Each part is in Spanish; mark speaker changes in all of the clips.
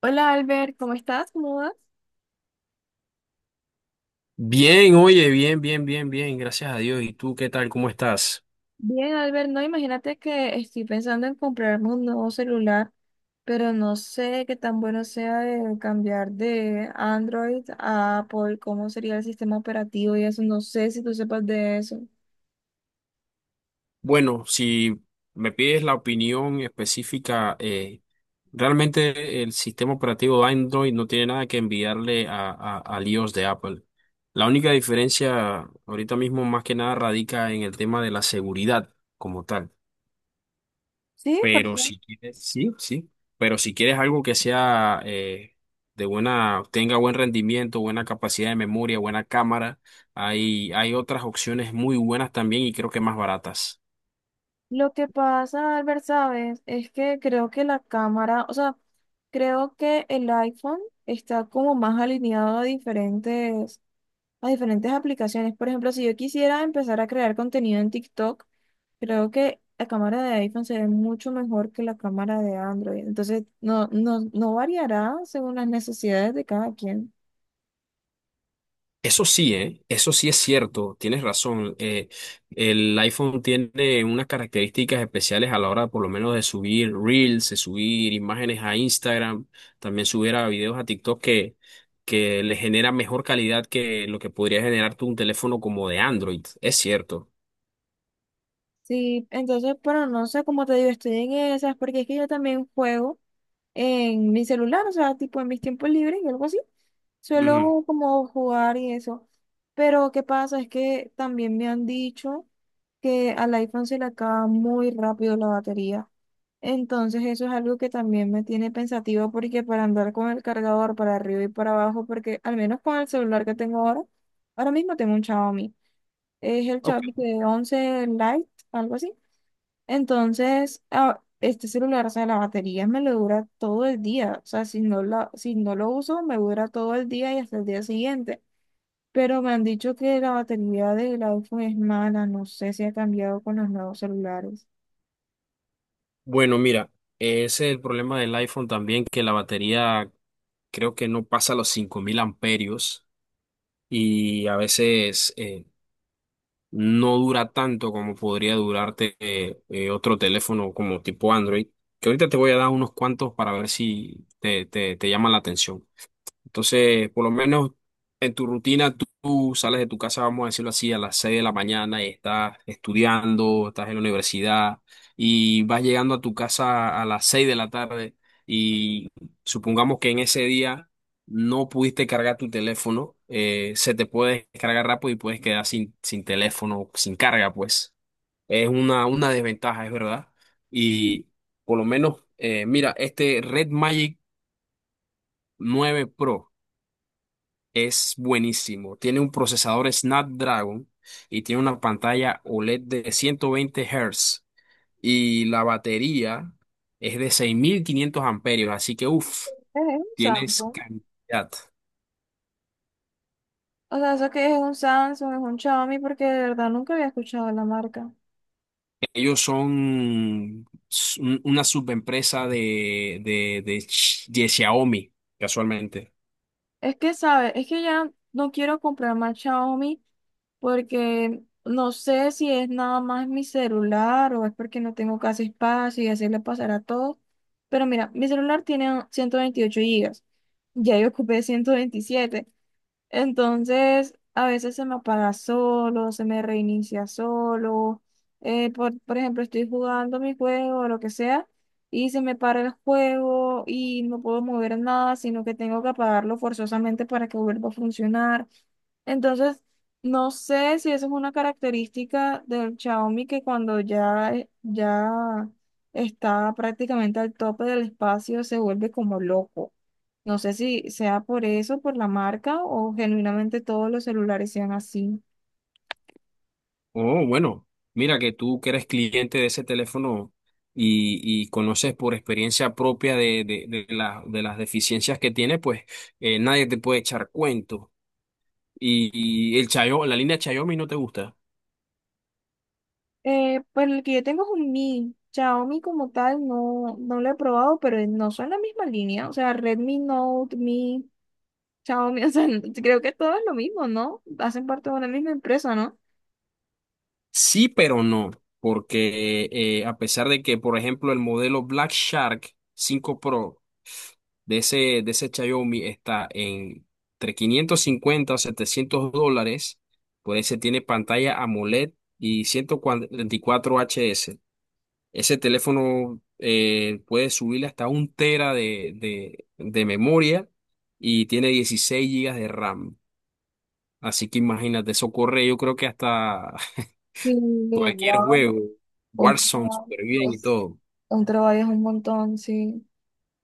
Speaker 1: Hola Albert, ¿cómo estás? ¿Cómo vas?
Speaker 2: Bien, oye, bien, bien, bien, bien, gracias a Dios. ¿Y tú qué tal? ¿Cómo estás?
Speaker 1: Bien, Albert, no, imagínate que estoy pensando en comprarme un nuevo celular, pero no sé qué tan bueno sea el cambiar de Android a Apple, cómo sería el sistema operativo y eso, no sé si tú sepas de eso.
Speaker 2: Bueno, si me pides la opinión específica, realmente el sistema operativo de Android no tiene nada que enviarle al iOS de Apple. La única diferencia ahorita mismo más que nada radica en el tema de la seguridad como tal.
Speaker 1: Sí, por
Speaker 2: Pero
Speaker 1: favor.
Speaker 2: si quieres, sí, sí. Pero si quieres algo que sea de buena, tenga buen rendimiento, buena capacidad de memoria, buena cámara, hay otras opciones muy buenas también y creo que más baratas.
Speaker 1: Lo que pasa, Albert, sabes, es que creo que la cámara, o sea, creo que el iPhone está como más alineado a diferentes aplicaciones. Por ejemplo, si yo quisiera empezar a crear contenido en TikTok, creo que la cámara de iPhone se ve mucho mejor que la cámara de Android. Entonces, no, no, no variará según las necesidades de cada quien.
Speaker 2: Eso sí, ¿eh? Eso sí es cierto, tienes razón. El iPhone tiene unas características especiales a la hora, por lo menos, de subir Reels, de subir imágenes a Instagram, también subir a videos a TikTok que le genera mejor calidad que lo que podría generar tú un teléfono como de Android. Es cierto.
Speaker 1: Sí, entonces, pero no sé, cómo te digo, estoy en esas, porque es que yo también juego en mi celular, o sea, tipo en mis tiempos libres y algo así.
Speaker 2: Ujú.
Speaker 1: Suelo como jugar y eso. Pero ¿qué pasa? Es que también me han dicho que al iPhone se le acaba muy rápido la batería. Entonces eso es algo que también me tiene pensativa porque para andar con el cargador para arriba y para abajo, porque al menos con el celular que tengo ahora, ahora mismo tengo un Xiaomi. Es el
Speaker 2: Ok.
Speaker 1: Xiaomi de 11 Lite, algo así. Entonces, este celular, o sea, la batería me lo dura todo el día. O sea, si no lo uso, me dura todo el día y hasta el día siguiente. Pero me han dicho que la batería del iPhone es mala. No sé si ha cambiado con los nuevos celulares.
Speaker 2: Bueno, mira, ese es el problema del iPhone también, que la batería creo que no pasa los 5000 amperios y a veces no dura tanto como podría durarte otro teléfono como tipo Android, que ahorita te voy a dar unos cuantos para ver si te llama la atención. Entonces, por lo menos en tu rutina, tú sales de tu casa, vamos a decirlo así, a las 6 de la mañana y estás estudiando, estás en la universidad y vas llegando a tu casa a las 6 de la tarde y supongamos que en ese día no pudiste cargar tu teléfono, se te puede descargar rápido y puedes quedar sin teléfono, sin carga, pues. Es una desventaja, es verdad. Y por lo menos, mira, este Red Magic 9 Pro es buenísimo. Tiene un procesador Snapdragon y tiene una pantalla OLED de 120 Hz y la batería es de 6500 amperios, así que uff,
Speaker 1: Es un
Speaker 2: tienes
Speaker 1: Samsung.
Speaker 2: cantidad.
Speaker 1: O sea, eso que es un Samsung, es un Xiaomi, porque de verdad nunca había escuchado la marca.
Speaker 2: Ellos son una subempresa de Xiaomi, casualmente.
Speaker 1: Es que, ¿sabes? Es que ya no quiero comprar más Xiaomi porque no sé si es nada más mi celular o es porque no tengo casi espacio y así le pasará a todo. Pero mira, mi celular tiene 128 gigas. Ya yo ocupé 127, entonces, a veces se me apaga solo, se me reinicia solo. Por ejemplo, estoy jugando mi juego o lo que sea y se me para el juego y no puedo mover nada, sino que tengo que apagarlo forzosamente para que vuelva a funcionar. Entonces, no sé si eso es una característica del Xiaomi que cuando ya, ya está prácticamente al tope del espacio, se vuelve como loco. No sé si sea por eso, por la marca o genuinamente todos los celulares sean así.
Speaker 2: Oh, bueno, mira que tú que eres cliente de ese teléfono y conoces por experiencia propia de las deficiencias que tiene, pues nadie te puede echar cuento. Y, y el Chayo, la línea Xiaomi no te gusta.
Speaker 1: Pues el que yo tengo es un Mi. Xiaomi como tal no, no lo he probado, pero no son la misma línea. O sea, Redmi Note, Mi, Xiaomi, o sea, creo que todo es lo mismo, ¿no? Hacen parte de una misma empresa, ¿no?
Speaker 2: Sí, pero no, porque a pesar de que, por ejemplo, el modelo Black Shark 5 Pro de ese, de ese Xiaomi está en entre 550 a $700, por ese tiene pantalla AMOLED y 144 HS. Ese teléfono puede subirle hasta un tera de memoria y tiene 16 gigas de RAM. Así que imagínate, eso corre, yo creo que hasta
Speaker 1: Sí,
Speaker 2: Cualquier
Speaker 1: wow.
Speaker 2: juego,
Speaker 1: Un
Speaker 2: Warzone
Speaker 1: trabajo,
Speaker 2: súper bien y
Speaker 1: es-
Speaker 2: todo.
Speaker 1: un trabajo es un montón, sí.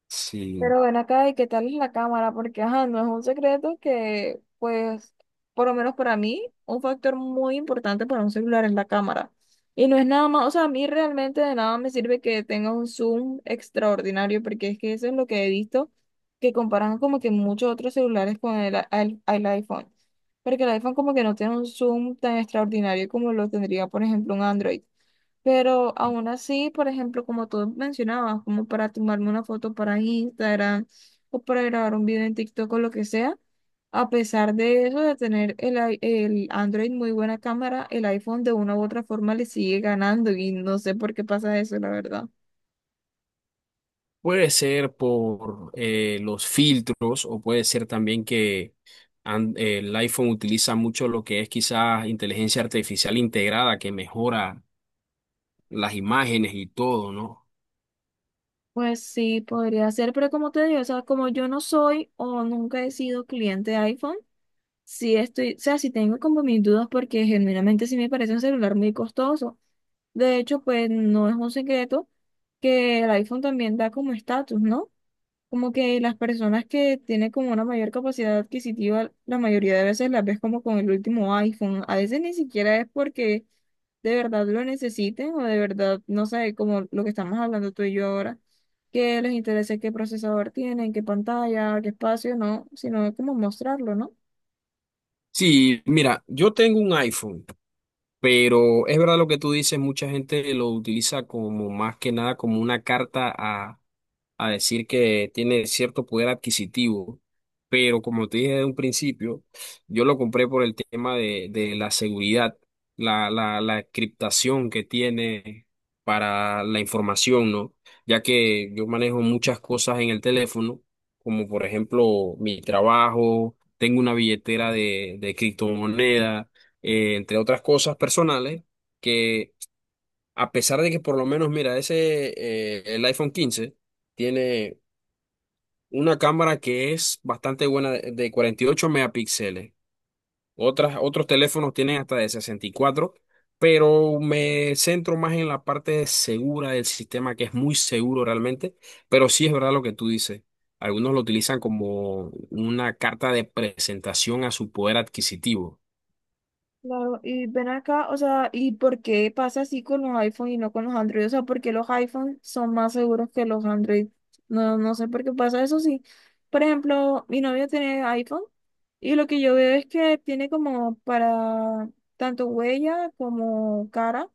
Speaker 2: Sí,
Speaker 1: Pero ven acá, ¿y qué tal es la cámara? Porque, ajá, no es un secreto que, pues, por lo menos para mí, un factor muy importante para un celular es la cámara. Y no es nada más, o sea, a mí realmente de nada me sirve que tenga un zoom extraordinario, porque es que eso es lo que he visto, que comparan como que muchos otros celulares con el iPhone. Porque el iPhone como que no tiene un zoom tan extraordinario como lo tendría, por ejemplo, un Android. Pero aún así, por ejemplo, como tú mencionabas, como para tomarme una foto para Instagram o para grabar un video en TikTok o lo que sea, a pesar de eso, de tener el Android muy buena cámara, el iPhone de una u otra forma le sigue ganando y no sé por qué pasa eso, la verdad.
Speaker 2: puede ser por los filtros o puede ser también que el iPhone utiliza mucho lo que es quizás inteligencia artificial integrada que mejora las imágenes y todo, ¿no?
Speaker 1: Pues sí, podría ser, pero como te digo, o sea, como yo no soy o nunca he sido cliente de iPhone, sí estoy, o sea, sí tengo como mis dudas porque genuinamente sí me parece un celular muy costoso. De hecho, pues no es un secreto que el iPhone también da como estatus, ¿no? Como que las personas que tienen como una mayor capacidad adquisitiva, la mayoría de veces las ves como con el último iPhone. A veces ni siquiera es porque de verdad lo necesiten o de verdad, no sé, como lo que estamos hablando tú y yo ahora, que les interese qué procesador tienen, qué pantalla, qué espacio, no, sino como mostrarlo, ¿no?
Speaker 2: Sí, mira, yo tengo un iPhone, pero es verdad lo que tú dices, mucha gente lo utiliza como más que nada como una carta a decir que tiene cierto poder adquisitivo, pero como te dije de un principio, yo lo compré por el tema de la seguridad, la encriptación que tiene para la información, ¿no? Ya que yo manejo muchas cosas en el teléfono, como por ejemplo mi trabajo, tengo una billetera de criptomoneda, entre otras cosas personales, que a pesar de que por lo menos, mira, ese, el iPhone 15 tiene una cámara que es bastante buena de 48 megapíxeles. Otros teléfonos tienen hasta de 64, pero me centro más en la parte segura del sistema, que es muy seguro realmente. Pero sí es verdad lo que tú dices. Algunos lo utilizan como una carta de presentación a su poder adquisitivo.
Speaker 1: Claro, y ven acá, o sea, ¿y por qué pasa así con los iPhone y no con los Android? O sea, ¿por qué los iPhone son más seguros que los Android? No, no sé por qué pasa eso, sí. Por ejemplo, mi novio tiene iPhone y lo que yo veo es que tiene como para tanto huella como cara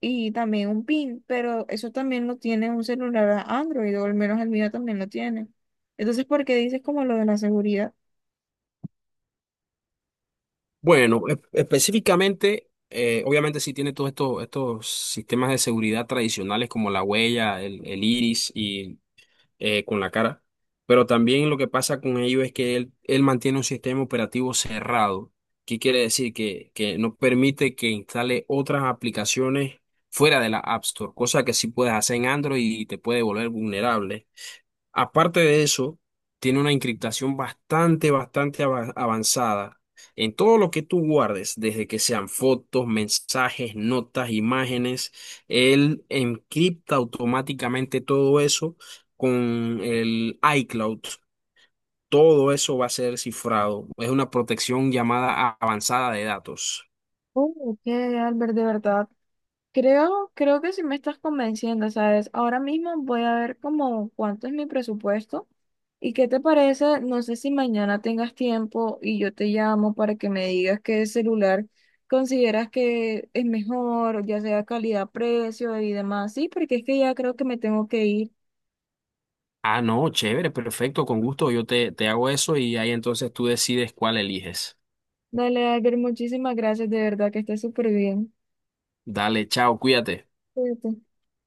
Speaker 1: y también un PIN, pero eso también lo tiene un celular Android, o al menos el mío también lo tiene. Entonces, ¿por qué dices como lo de la seguridad?
Speaker 2: Bueno, específicamente, obviamente sí tiene todos estos sistemas de seguridad tradicionales como la huella, el iris con la cara. Pero también lo que pasa con ello es que él mantiene un sistema operativo cerrado. ¿Qué quiere decir? Que no permite que instale otras aplicaciones fuera de la App Store, cosa que sí puedes hacer en Android y te puede volver vulnerable. Aparte de eso, tiene una encriptación bastante, bastante avanzada. En todo lo que tú guardes, desde que sean fotos, mensajes, notas, imágenes, él encripta automáticamente todo eso con el iCloud. Todo eso va a ser cifrado. Es una protección llamada avanzada de datos.
Speaker 1: Oh, ok, Albert, de verdad. Creo que sí me estás convenciendo, ¿sabes? Ahora mismo voy a ver como cuánto es mi presupuesto y qué te parece, no sé si mañana tengas tiempo y yo te llamo para que me digas qué celular consideras que es mejor, ya sea calidad, precio y demás. Sí, porque es que ya creo que me tengo que ir.
Speaker 2: Ah, no, chévere, perfecto, con gusto. Yo te hago eso y ahí entonces tú decides cuál eliges.
Speaker 1: Dale, Albert, muchísimas gracias, de verdad que estés súper bien.
Speaker 2: Dale, chao, cuídate.
Speaker 1: Cuídate.